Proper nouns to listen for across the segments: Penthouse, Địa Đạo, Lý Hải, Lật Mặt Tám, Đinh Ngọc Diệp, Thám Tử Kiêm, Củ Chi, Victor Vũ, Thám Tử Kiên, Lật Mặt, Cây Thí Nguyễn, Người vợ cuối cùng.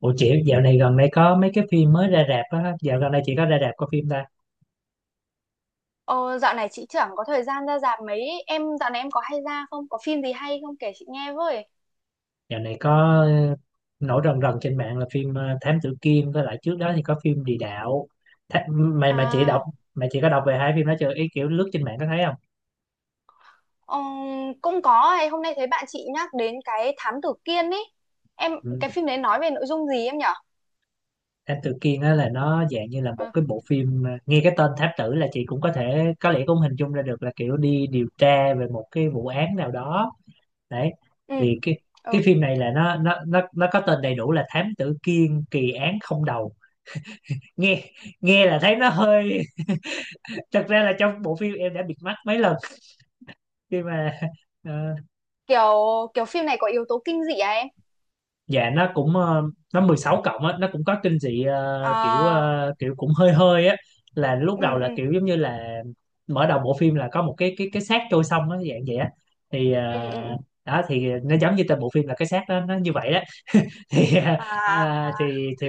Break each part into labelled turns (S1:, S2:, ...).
S1: Ủa chị dạo này gần đây có mấy cái phim mới ra rạp á, dạo gần đây chị có ra rạp có phim ta?
S2: Ờ, dạo này chị chẳng có thời gian ra rạp mấy. Em dạo này em có hay ra không, có phim gì hay không kể chị nghe với.
S1: Dạo này có ờ, nổi rần rần trên mạng là phim Thám Tử Kiên, với lại trước đó thì có phim Địa Đạo. Tha mà chị đọc,
S2: À,
S1: mày chị có đọc về hai phim đó chưa? Ý kiểu lướt trên mạng có thấy không?
S2: cũng có ấy. Hôm nay thấy bạn chị nhắc đến cái Thám Tử Kiên ấy. Em
S1: Ừ.
S2: cái phim đấy nói về nội dung gì em nhở?
S1: Thám Tử Kiên á là nó dạng như là một
S2: Ờ,
S1: cái bộ phim nghe cái tên Thám Tử là chị cũng có thể có lẽ cũng hình dung ra được là kiểu đi điều tra về một cái vụ án nào đó. Đấy.
S2: ừ,
S1: Thì cái
S2: ừ.
S1: phim này là nó có tên đầy đủ là Thám Tử Kiên kỳ án không đầu. Nghe nghe là thấy nó hơi thật ra là trong bộ phim em đã bịt mắt mấy lần khi mà ờ,
S2: Kiểu kiểu phim này có yếu tố kinh dị à em?
S1: dạ, nó cũng nó 16+ á, nó cũng có kinh dị kiểu
S2: À,
S1: kiểu cũng hơi hơi á, là lúc
S2: ừ
S1: đầu là
S2: ừ
S1: kiểu giống như là mở đầu bộ phim là có một cái xác trôi sông á dạng vậy á, thì
S2: ừ ừ ừ.
S1: đó thì nó giống như tên bộ phim là cái xác đó nó như vậy đó thì
S2: À
S1: à,
S2: à,
S1: thì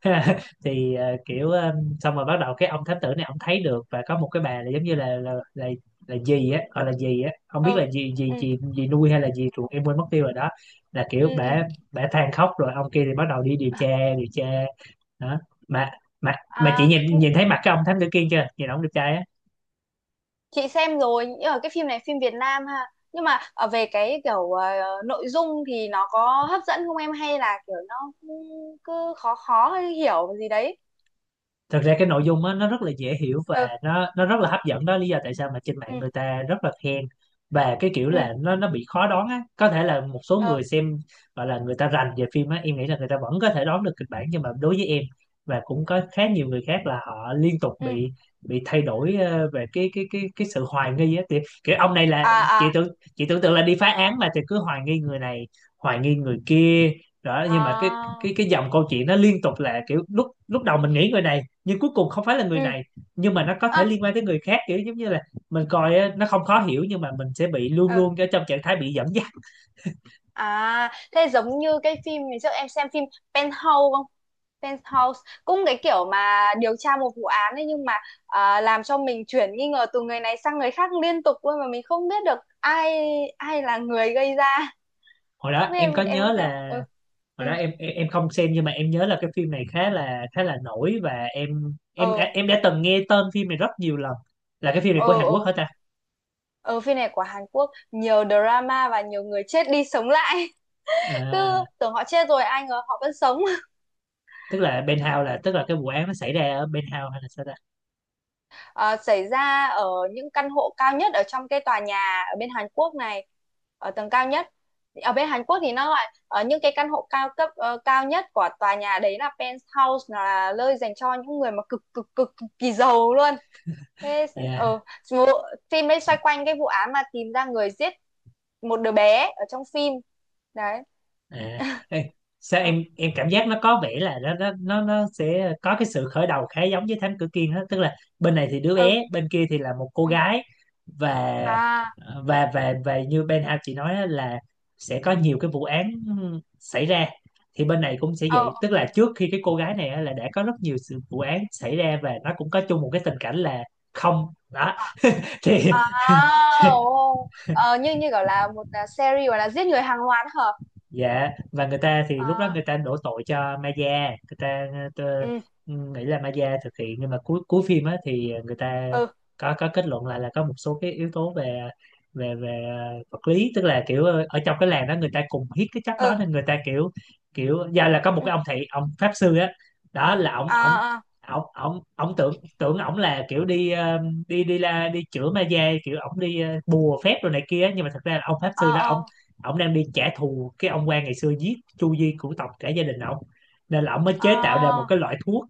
S1: thì à, kiểu xong rồi bắt đầu cái ông thám tử này ông thấy được và có một cái bà là giống như là gì á, gọi là gì á, không biết
S2: ừ
S1: là gì gì
S2: ừ
S1: gì gì nuôi hay là gì ruột, em quên mất tiêu rồi đó, là
S2: ừ
S1: kiểu
S2: ừ.
S1: bả bả than khóc rồi ông kia thì bắt đầu đi điều tra điều tra đó. Mà mà mà chị
S2: À,
S1: nhìn nhìn thấy mặt cái ông thám tử kia chưa, nhìn ông đẹp trai á.
S2: chị xem rồi nhưng mà cái phim này phim Việt Nam ha, nhưng mà ở về cái kiểu nội dung thì nó có hấp dẫn không em hay là kiểu nó cứ, cứ khó khó hay hiểu gì đấy.
S1: Thật ra cái nội dung á nó rất là dễ hiểu và
S2: Ừ
S1: nó rất là hấp dẫn, đó lý do tại sao mà trên
S2: ừ
S1: mạng người ta rất là khen, và cái kiểu
S2: ừ
S1: là nó bị khó đoán á, có thể là một số
S2: ừ
S1: người xem gọi là người ta rành về phim á em nghĩ là người ta vẫn có thể đoán được kịch bản nhưng mà đối với em và cũng có khá nhiều người khác là họ liên tục
S2: ừ
S1: bị thay đổi về cái sự hoài nghi á, thì kiểu ông này là
S2: à
S1: chị
S2: à
S1: tưởng chị tưởng tượng là đi phá án mà thì cứ hoài nghi người này, hoài nghi người kia đó, nhưng mà cái
S2: à
S1: cái cái dòng câu chuyện nó liên tục là kiểu lúc lúc đầu mình nghĩ người này nhưng cuối cùng không phải là người
S2: ừ ừ
S1: này, nhưng mà nó có
S2: à,
S1: thể liên quan tới người khác, kiểu giống như là mình coi á, nó không khó hiểu nhưng mà mình sẽ bị luôn
S2: ừ.
S1: luôn ở trong trạng thái bị dẫn dắt.
S2: À, thế giống như cái phim ngày trước em xem phim Penthouse không? Penthouse cũng cái kiểu mà điều tra một vụ án ấy, nhưng mà à, làm cho mình chuyển nghi ngờ từ người này sang người khác liên tục luôn mà mình không biết được ai ai là người gây ra.
S1: Hồi đó
S2: Với
S1: em có
S2: em
S1: nhớ
S2: có xem không?
S1: là
S2: Ừ.
S1: hồi
S2: Ừ.
S1: đó em không xem nhưng mà em nhớ là cái phim này khá là nổi và em em đã,
S2: Ờ.
S1: em đã từng nghe tên phim này rất nhiều lần, là cái phim này
S2: Ờ
S1: của Hàn Quốc
S2: ờ.
S1: hả ta.
S2: Ờ, phim này của Hàn Quốc nhiều drama và nhiều người chết đi sống lại. Cứ
S1: À,
S2: tưởng họ chết rồi ai ngờ họ vẫn sống.
S1: tức là Penthouse tức là cái vụ án nó xảy ra ở Penthouse hay là sao ta.
S2: Ờ, xảy ra ở những căn hộ cao nhất ở trong cái tòa nhà ở bên Hàn Quốc này, ở tầng cao nhất, ở bên Hàn Quốc thì nó gọi ở những cái căn hộ cao cấp cao nhất của tòa nhà đấy là penthouse, là nơi dành cho những người mà cực cực cực, cực kỳ giàu luôn. Thế
S1: Yeah.
S2: ờ vụ- phim đấy xoay quanh cái vụ án mà tìm ra người giết một đứa bé ở trong phim đấy.
S1: À, ê, sao
S2: Ừ
S1: em cảm giác nó có vẻ là nó sẽ có cái sự khởi đầu khá giống với Thám Tử Kiên đó, tức là bên này thì đứa
S2: ừ
S1: bé, bên kia thì là một cô
S2: ừ.
S1: gái, và
S2: À
S1: và như Ben Hao chị nói á, là sẽ có nhiều cái vụ án xảy ra, thì bên này cũng sẽ
S2: ờ
S1: vậy, tức là trước khi cái cô gái này á, là đã có rất nhiều sự vụ án xảy ra và nó cũng có chung một cái tình cảnh là không đó.
S2: ờ,
S1: Thì
S2: À, ồ, ờ, như như kiểu là một à, series gọi là giết người hàng loạt hả?
S1: dạ, và người ta thì lúc đó
S2: À,
S1: người ta đổ tội cho Maya, người ta ờ,
S2: ừ,
S1: nghĩ là Maya thực hiện nhưng mà cuối cuối phim á thì người ta
S2: ừ,
S1: có kết luận lại là có một số cái yếu tố về về về ờ, vật lý, tức là kiểu ở trong cái làng đó người ta cùng hít cái chất đó
S2: ừ,
S1: nên người ta kiểu kiểu do là có một
S2: ừ,
S1: cái ông thầy ông pháp sư á, đó là ông ông
S2: à, à,
S1: ông ông ông tưởng tưởng ổng là kiểu đi ờ, đi đi la đi chữa ma da, kiểu ổng đi bùa phép rồi này kia nhưng mà thật ra là ông pháp
S2: à,
S1: sư đó
S2: à,
S1: ổng đang đi trả thù cái ông quan ngày xưa giết Chu Di cửu tộc cả gia đình ổng, nên là ổng mới chế tạo ra một
S2: à,
S1: cái loại thuốc,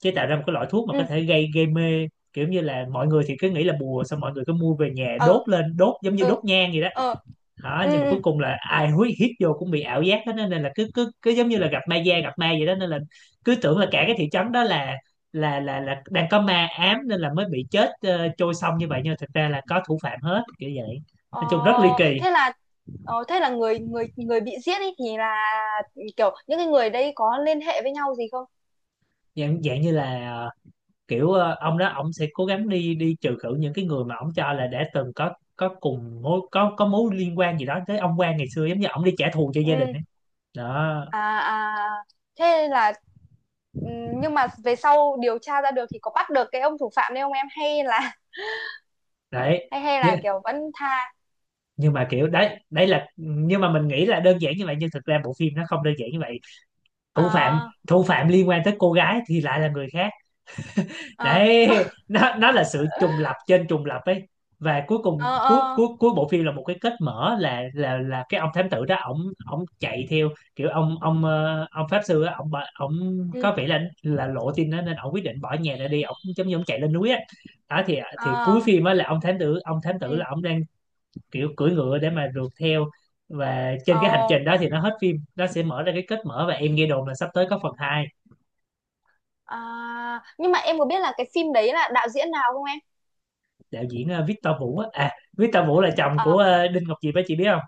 S1: chế tạo ra một cái loại thuốc mà có
S2: ừ,
S1: thể gây gây mê, kiểu như là mọi người thì cứ nghĩ là bùa xong mọi người cứ mua về nhà
S2: ừ,
S1: đốt lên đốt giống như
S2: ừ,
S1: đốt nhang vậy đó,
S2: ừ,
S1: đó nhưng
S2: ừ,
S1: mà
S2: ừ.
S1: cuối cùng là ai húi hít vô cũng bị ảo giác hết á, nên là cứ cứ cứ giống như là gặp ma da gặp ma vậy đó, nên là cứ tưởng là cả cái thị trấn đó là là đang có ma ám nên là mới bị chết trôi sông như vậy nhưng mà thực ra là có thủ phạm hết kiểu vậy,
S2: Ờ,
S1: nói chung rất ly kỳ.
S2: thế là ờ, thế là người người người bị giết ấy thì là kiểu những cái người đấy có liên hệ với nhau gì không?
S1: Dạng dạng như là ờ, kiểu ông đó ông sẽ cố gắng đi đi trừ khử những cái người mà ông cho là đã từng có cùng mối có mối liên quan gì đó tới ông quan ngày xưa, giống như ông đi trả thù cho gia đình
S2: Ừ,
S1: ấy đó,
S2: à, à, thế là ừ, nhưng mà về sau điều tra ra được thì có bắt được cái ông thủ phạm đấy không em hay là
S1: đấy
S2: hay hay
S1: nhưng,
S2: là kiểu vẫn tha
S1: nhưng mà kiểu đấy đấy là, nhưng mà mình nghĩ là đơn giản như vậy nhưng thực ra bộ phim nó không đơn giản như vậy. thủ phạm
S2: ờ
S1: thủ phạm liên quan tới cô gái thì lại là người khác,
S2: ờ
S1: đấy
S2: ờ
S1: nó là sự trùng lập trên trùng lập ấy, và cuối cùng
S2: ờ
S1: cuối
S2: ờ,
S1: cuối cuối bộ phim là một cái kết mở, là là cái ông thám tử đó ổng ổng chạy theo kiểu ông pháp sư á, ổng
S2: ừ
S1: có vẻ là lộ tin đó nên ổng quyết định bỏ nhà ra đi, ổng giống như ổng chạy lên núi á, đó thì cuối
S2: ờ
S1: phim á là ông thám tử
S2: ừ
S1: là ổng đang kiểu cưỡi ngựa để mà rượt theo, và trên cái hành
S2: ờ.
S1: trình đó thì nó hết phim, nó sẽ mở ra cái kết mở và em nghe đồn là sắp tới có phần hai.
S2: À, nhưng mà em có biết là cái phim đấy là đạo diễn nào không em?
S1: Đạo diễn Victor Vũ á, à Victor Vũ là chồng
S2: Ờ
S1: của Đinh Ngọc Diệp á, chị biết không.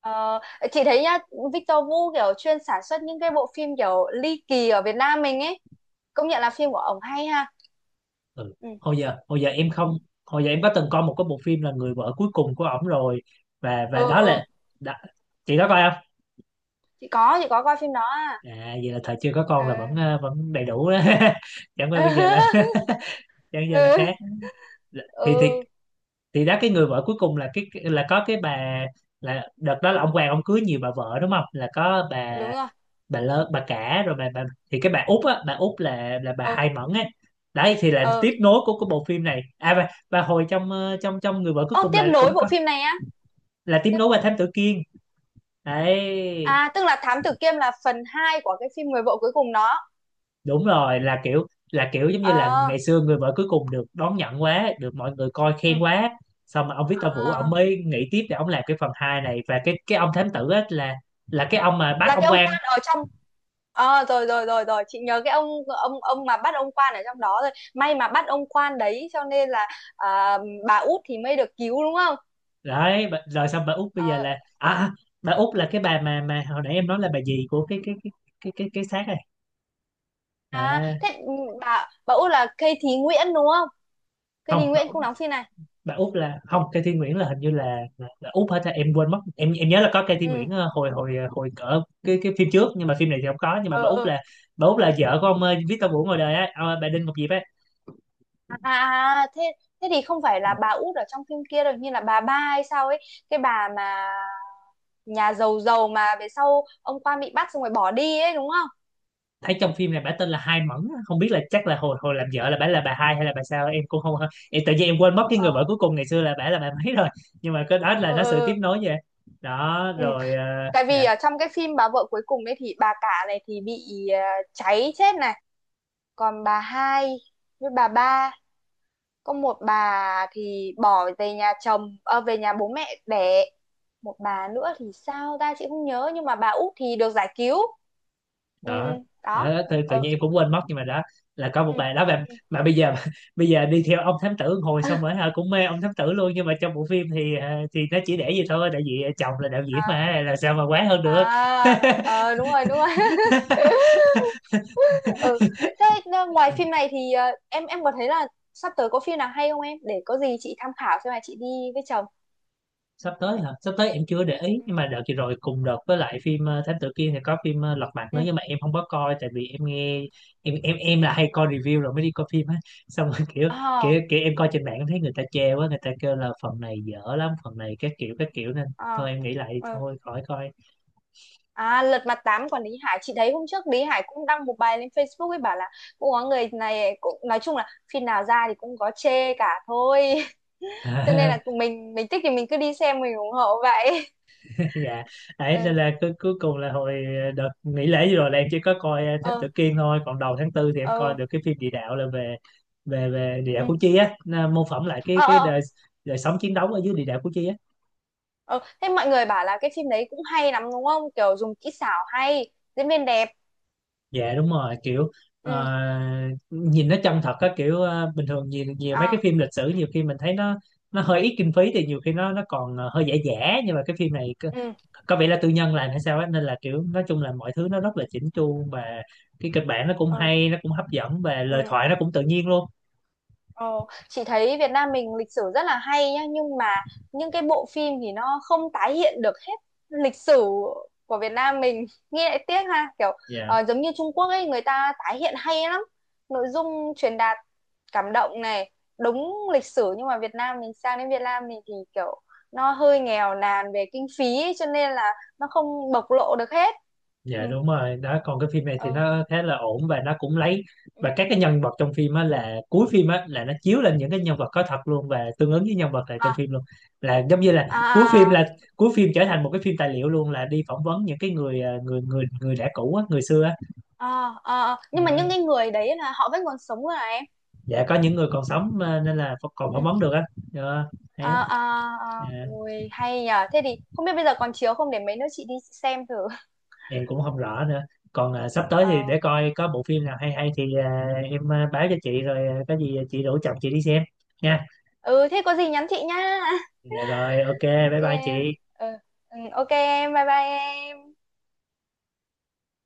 S2: ờ, chị thấy nhá Victor Vũ kiểu chuyên sản xuất những cái bộ phim kiểu ly kỳ ở Việt Nam mình ấy, công nhận là phim của ổng hay ha.
S1: Ừ.
S2: Ừ
S1: Hồi giờ em không hồi giờ em có từng coi một cái bộ phim là Người Vợ Cuối Cùng của ổng rồi, và
S2: ừ
S1: đó
S2: ừ.
S1: là đó, chị có coi không.
S2: Chị có coi phim đó à.
S1: À vậy là thời chưa có
S2: Ừ
S1: con là vẫn vẫn đầy đủ đó chẳng qua bây giờ là chẳng giờ
S2: ừ
S1: là khác. thì thì
S2: ừ
S1: thì đó, cái Người Vợ Cuối Cùng là cái là có cái bà, là đợt đó là ông Hoàng ông cưới nhiều bà vợ đúng không, là có
S2: đúng rồi
S1: bà lơ bà cả rồi bà thì cái bà Út á, bà Út là bà
S2: ừ
S1: Hai Mẫn á, đấy thì là
S2: ừ.
S1: tiếp nối của cái bộ phim này à, và hồi trong trong trong Người Vợ Cuối
S2: Ô,
S1: Cùng
S2: tiếp
S1: là cũng
S2: nối bộ
S1: có,
S2: phim này á.
S1: là tiếp
S2: Tiếp.
S1: nối qua Thám Tử Kiên. Đấy
S2: À, tức là Thám Tử Kiêm là phần 2 của cái phim Người vợ cuối cùng đó.
S1: đúng rồi, là kiểu giống như là
S2: Ờ,
S1: ngày xưa Người Vợ Cuối Cùng được đón nhận quá, được mọi người coi khen
S2: Ừ.
S1: quá, xong mà ông Victor Vũ
S2: Ờ.
S1: ông mới nghĩ tiếp để ông làm cái phần hai này, và cái ông thám tử á là cái ông mà bắt
S2: Là cái
S1: ông
S2: ông
S1: quan.
S2: quan ở trong. Ờ rồi rồi rồi rồi, chị nhớ cái ông mà bắt ông quan ở trong đó rồi. May mà bắt ông quan đấy cho nên là à, bà Út thì mới được cứu đúng không?
S1: Đấy, bà- rồi xong bà Út bây giờ là
S2: Ờ,
S1: bà Út là cái bà mà hồi nãy em nói là bà gì của cái xác này.
S2: à
S1: À
S2: thế ừ, bà Út là Cây Thí Nguyễn đúng không? Cây
S1: không,
S2: Thí Nguyễn cũng đóng phim này.
S1: Bà Út là không, cây Thiên Nguyễn là hình như là Út hết á, em quên mất. Em nhớ là có cây Thiên
S2: Ừ.
S1: Nguyễn ờ, hồi hồi ờ, hồi cỡ cái phim trước nhưng mà phim này thì không có, nhưng mà
S2: Ờ ờ.
S1: bà Út là vợ của ông Victor Vũ ngoài đời á, ông, bà Đinh Ngọc Diệp á.
S2: À, à, thế thế thì không phải là bà Út ở trong phim kia rồi, như là bà Ba hay sao ấy, cái bà mà nhà giàu giàu mà về sau ông Quan bị bắt xong rồi bỏ đi ấy đúng không?
S1: Thấy trong phim này bả tên là Hai Mẫn á, không biết là chắc là hồi hồi làm vợ là bả là bà Hai hay là bà sao em cũng không. Em tự nhiên quên mất cái người
S2: Ờ,
S1: vợ cuối cùng ngày xưa là bả là bà mấy rồi, nhưng mà cái đó là
S2: ừ,
S1: nó sự tiếp
S2: ừ,
S1: nối vậy đó
S2: ừ.
S1: rồi
S2: Tại vì
S1: dạ.
S2: ở trong cái phim bà vợ cuối cùng ấy thì bà cả này thì bị cháy chết này, còn bà hai với bà ba, có một bà thì bỏ về nhà chồng, ờ, về nhà bố mẹ đẻ, một bà nữa thì sao ta chị không nhớ nhưng mà bà út thì được giải cứu. Ừ,
S1: Đó,
S2: ừ, đó.
S1: đó tự, tự
S2: Ờ,
S1: nhiên em cũng quên mất nhưng mà đó là có
S2: ừ.
S1: một bài đó
S2: Ừ.
S1: mà bây giờ bây giờ đi theo ông thám tử hồi xong rồi hả, cũng mê ông thám tử luôn, nhưng mà trong bộ phim thì thì nó chỉ để vậy thôi, tại vì chồng là đạo diễn
S2: À,
S1: mà làm sao mà quá hơn được.
S2: à, ờ, đúng rồi, đúng rồi. Ừ. Thế ờ, ngoài phim này thì ờ, em có thấy là sắp tới có phim nào hay không em? Để có gì chị tham khảo xem là chị đi với chồng.
S1: Sắp tới hả, sắp tới em chưa để ý, nhưng mà đợt vừa rồi cùng đợt với lại phim Thám Tử Kiên thì có phim Lật Mặt nữa,
S2: Ừ.
S1: nhưng mà em không có coi tại vì em nghe. Em là hay coi review rồi mới đi coi phim á, xong rồi kiểu,
S2: À,
S1: kiểu em coi trên mạng em thấy người ta chê quá, người ta kêu là phần này dở lắm, phần này các kiểu các kiểu, nên
S2: à,
S1: thôi em nghĩ lại
S2: ờ. Ờ.
S1: thôi khỏi coi.
S2: À, Lật Mặt Tám của Lý Hải, chị thấy hôm trước Lý Hải cũng đăng một bài lên Facebook ấy bảo là cũng có người này cũng nói chung là phim nào ra thì cũng có chê cả thôi cho nên là mình thích thì mình cứ đi xem mình ủng hộ vậy.
S1: Dạ,
S2: Ừ
S1: đấy nên là cuối cuối cùng là hồi đợt nghỉ lễ vừa rồi là em chỉ có coi Thám
S2: ờ
S1: Tử Kiên thôi, còn đầu tháng tư thì em coi
S2: ờ
S1: được cái phim địa đạo, là về về về địa đạo
S2: ừ.
S1: Củ Chi á, nó mô phỏng lại cái
S2: Ờ.
S1: cái
S2: Ờ.
S1: đời đời sống chiến đấu ở dưới địa đạo Củ Chi á.
S2: Ờ, thế mọi người bảo là cái phim đấy cũng hay lắm đúng không? Kiểu dùng kỹ xảo hay, diễn viên đẹp.
S1: Dạ đúng rồi, kiểu
S2: Ừ.
S1: ờ, nhìn nó chân thật á, kiểu bình thường nhiều, nhiều mấy cái
S2: À,
S1: phim lịch sử nhiều khi mình thấy nó hơi ít kinh phí thì nhiều khi nó còn hơi giả giả, nhưng mà cái phim này
S2: ừ,
S1: có vẻ là tư nhân làm hay sao á, nên là kiểu nói chung là mọi thứ nó rất là chỉnh chu, và cái kịch bản nó cũng
S2: ừ,
S1: hay, nó cũng hấp dẫn, và lời
S2: ừ.
S1: thoại nó cũng tự nhiên luôn.
S2: Ờ, chị thấy Việt Nam mình lịch sử rất là hay nhá nhưng mà những cái bộ phim thì nó không tái hiện được hết lịch sử của Việt Nam mình, nghe lại tiếc ha, kiểu
S1: Dạ.
S2: ờ, giống như Trung Quốc ấy người ta tái hiện hay lắm, nội dung truyền đạt cảm động này, đúng lịch sử, nhưng mà Việt Nam mình sang đến Việt Nam mình thì kiểu nó hơi nghèo nàn về kinh phí ấy, cho nên là nó không bộc lộ được hết. Ừ,
S1: Dạ đúng rồi đó, còn cái phim này thì
S2: ừ,
S1: nó khá là ổn, và nó cũng lấy
S2: ừ.
S1: và các cái nhân vật trong phim á, là cuối phim á
S2: Ừ.
S1: là nó chiếu lên những cái nhân vật có thật luôn và tương ứng với nhân vật là trong
S2: À,
S1: phim luôn, là giống như
S2: à à.
S1: là cuối phim trở thành một cái phim tài liệu luôn, là đi phỏng vấn những cái người à, người người người đã cũ á, người xưa á.
S2: Ờ, ờ, ờ.
S1: Ờ,
S2: Nhưng mà những cái người đấy là họ vẫn còn sống rồi này em.
S1: dạ có những người còn sống à, nên là còn
S2: Ừ.
S1: phỏng vấn được á. Ờ, hay lắm.
S2: Ờ, ờ, ờ.
S1: Dạ,
S2: Ôi hay nhờ, thế thì không biết bây giờ còn chiếu không để mấy nữa chị đi xem thử.
S1: em cũng không rõ nữa, còn à, sắp tới thì
S2: Ờ,
S1: để coi có bộ phim nào hay hay thì à, em à, báo cho chị, rồi à, có gì chị rủ chồng chị đi xem nha.
S2: ừ thế có gì nhắn chị nhá.
S1: Dạ rồi, ok,
S2: Ok
S1: bye bye chị.
S2: ừ, ừ ok em bye bye em.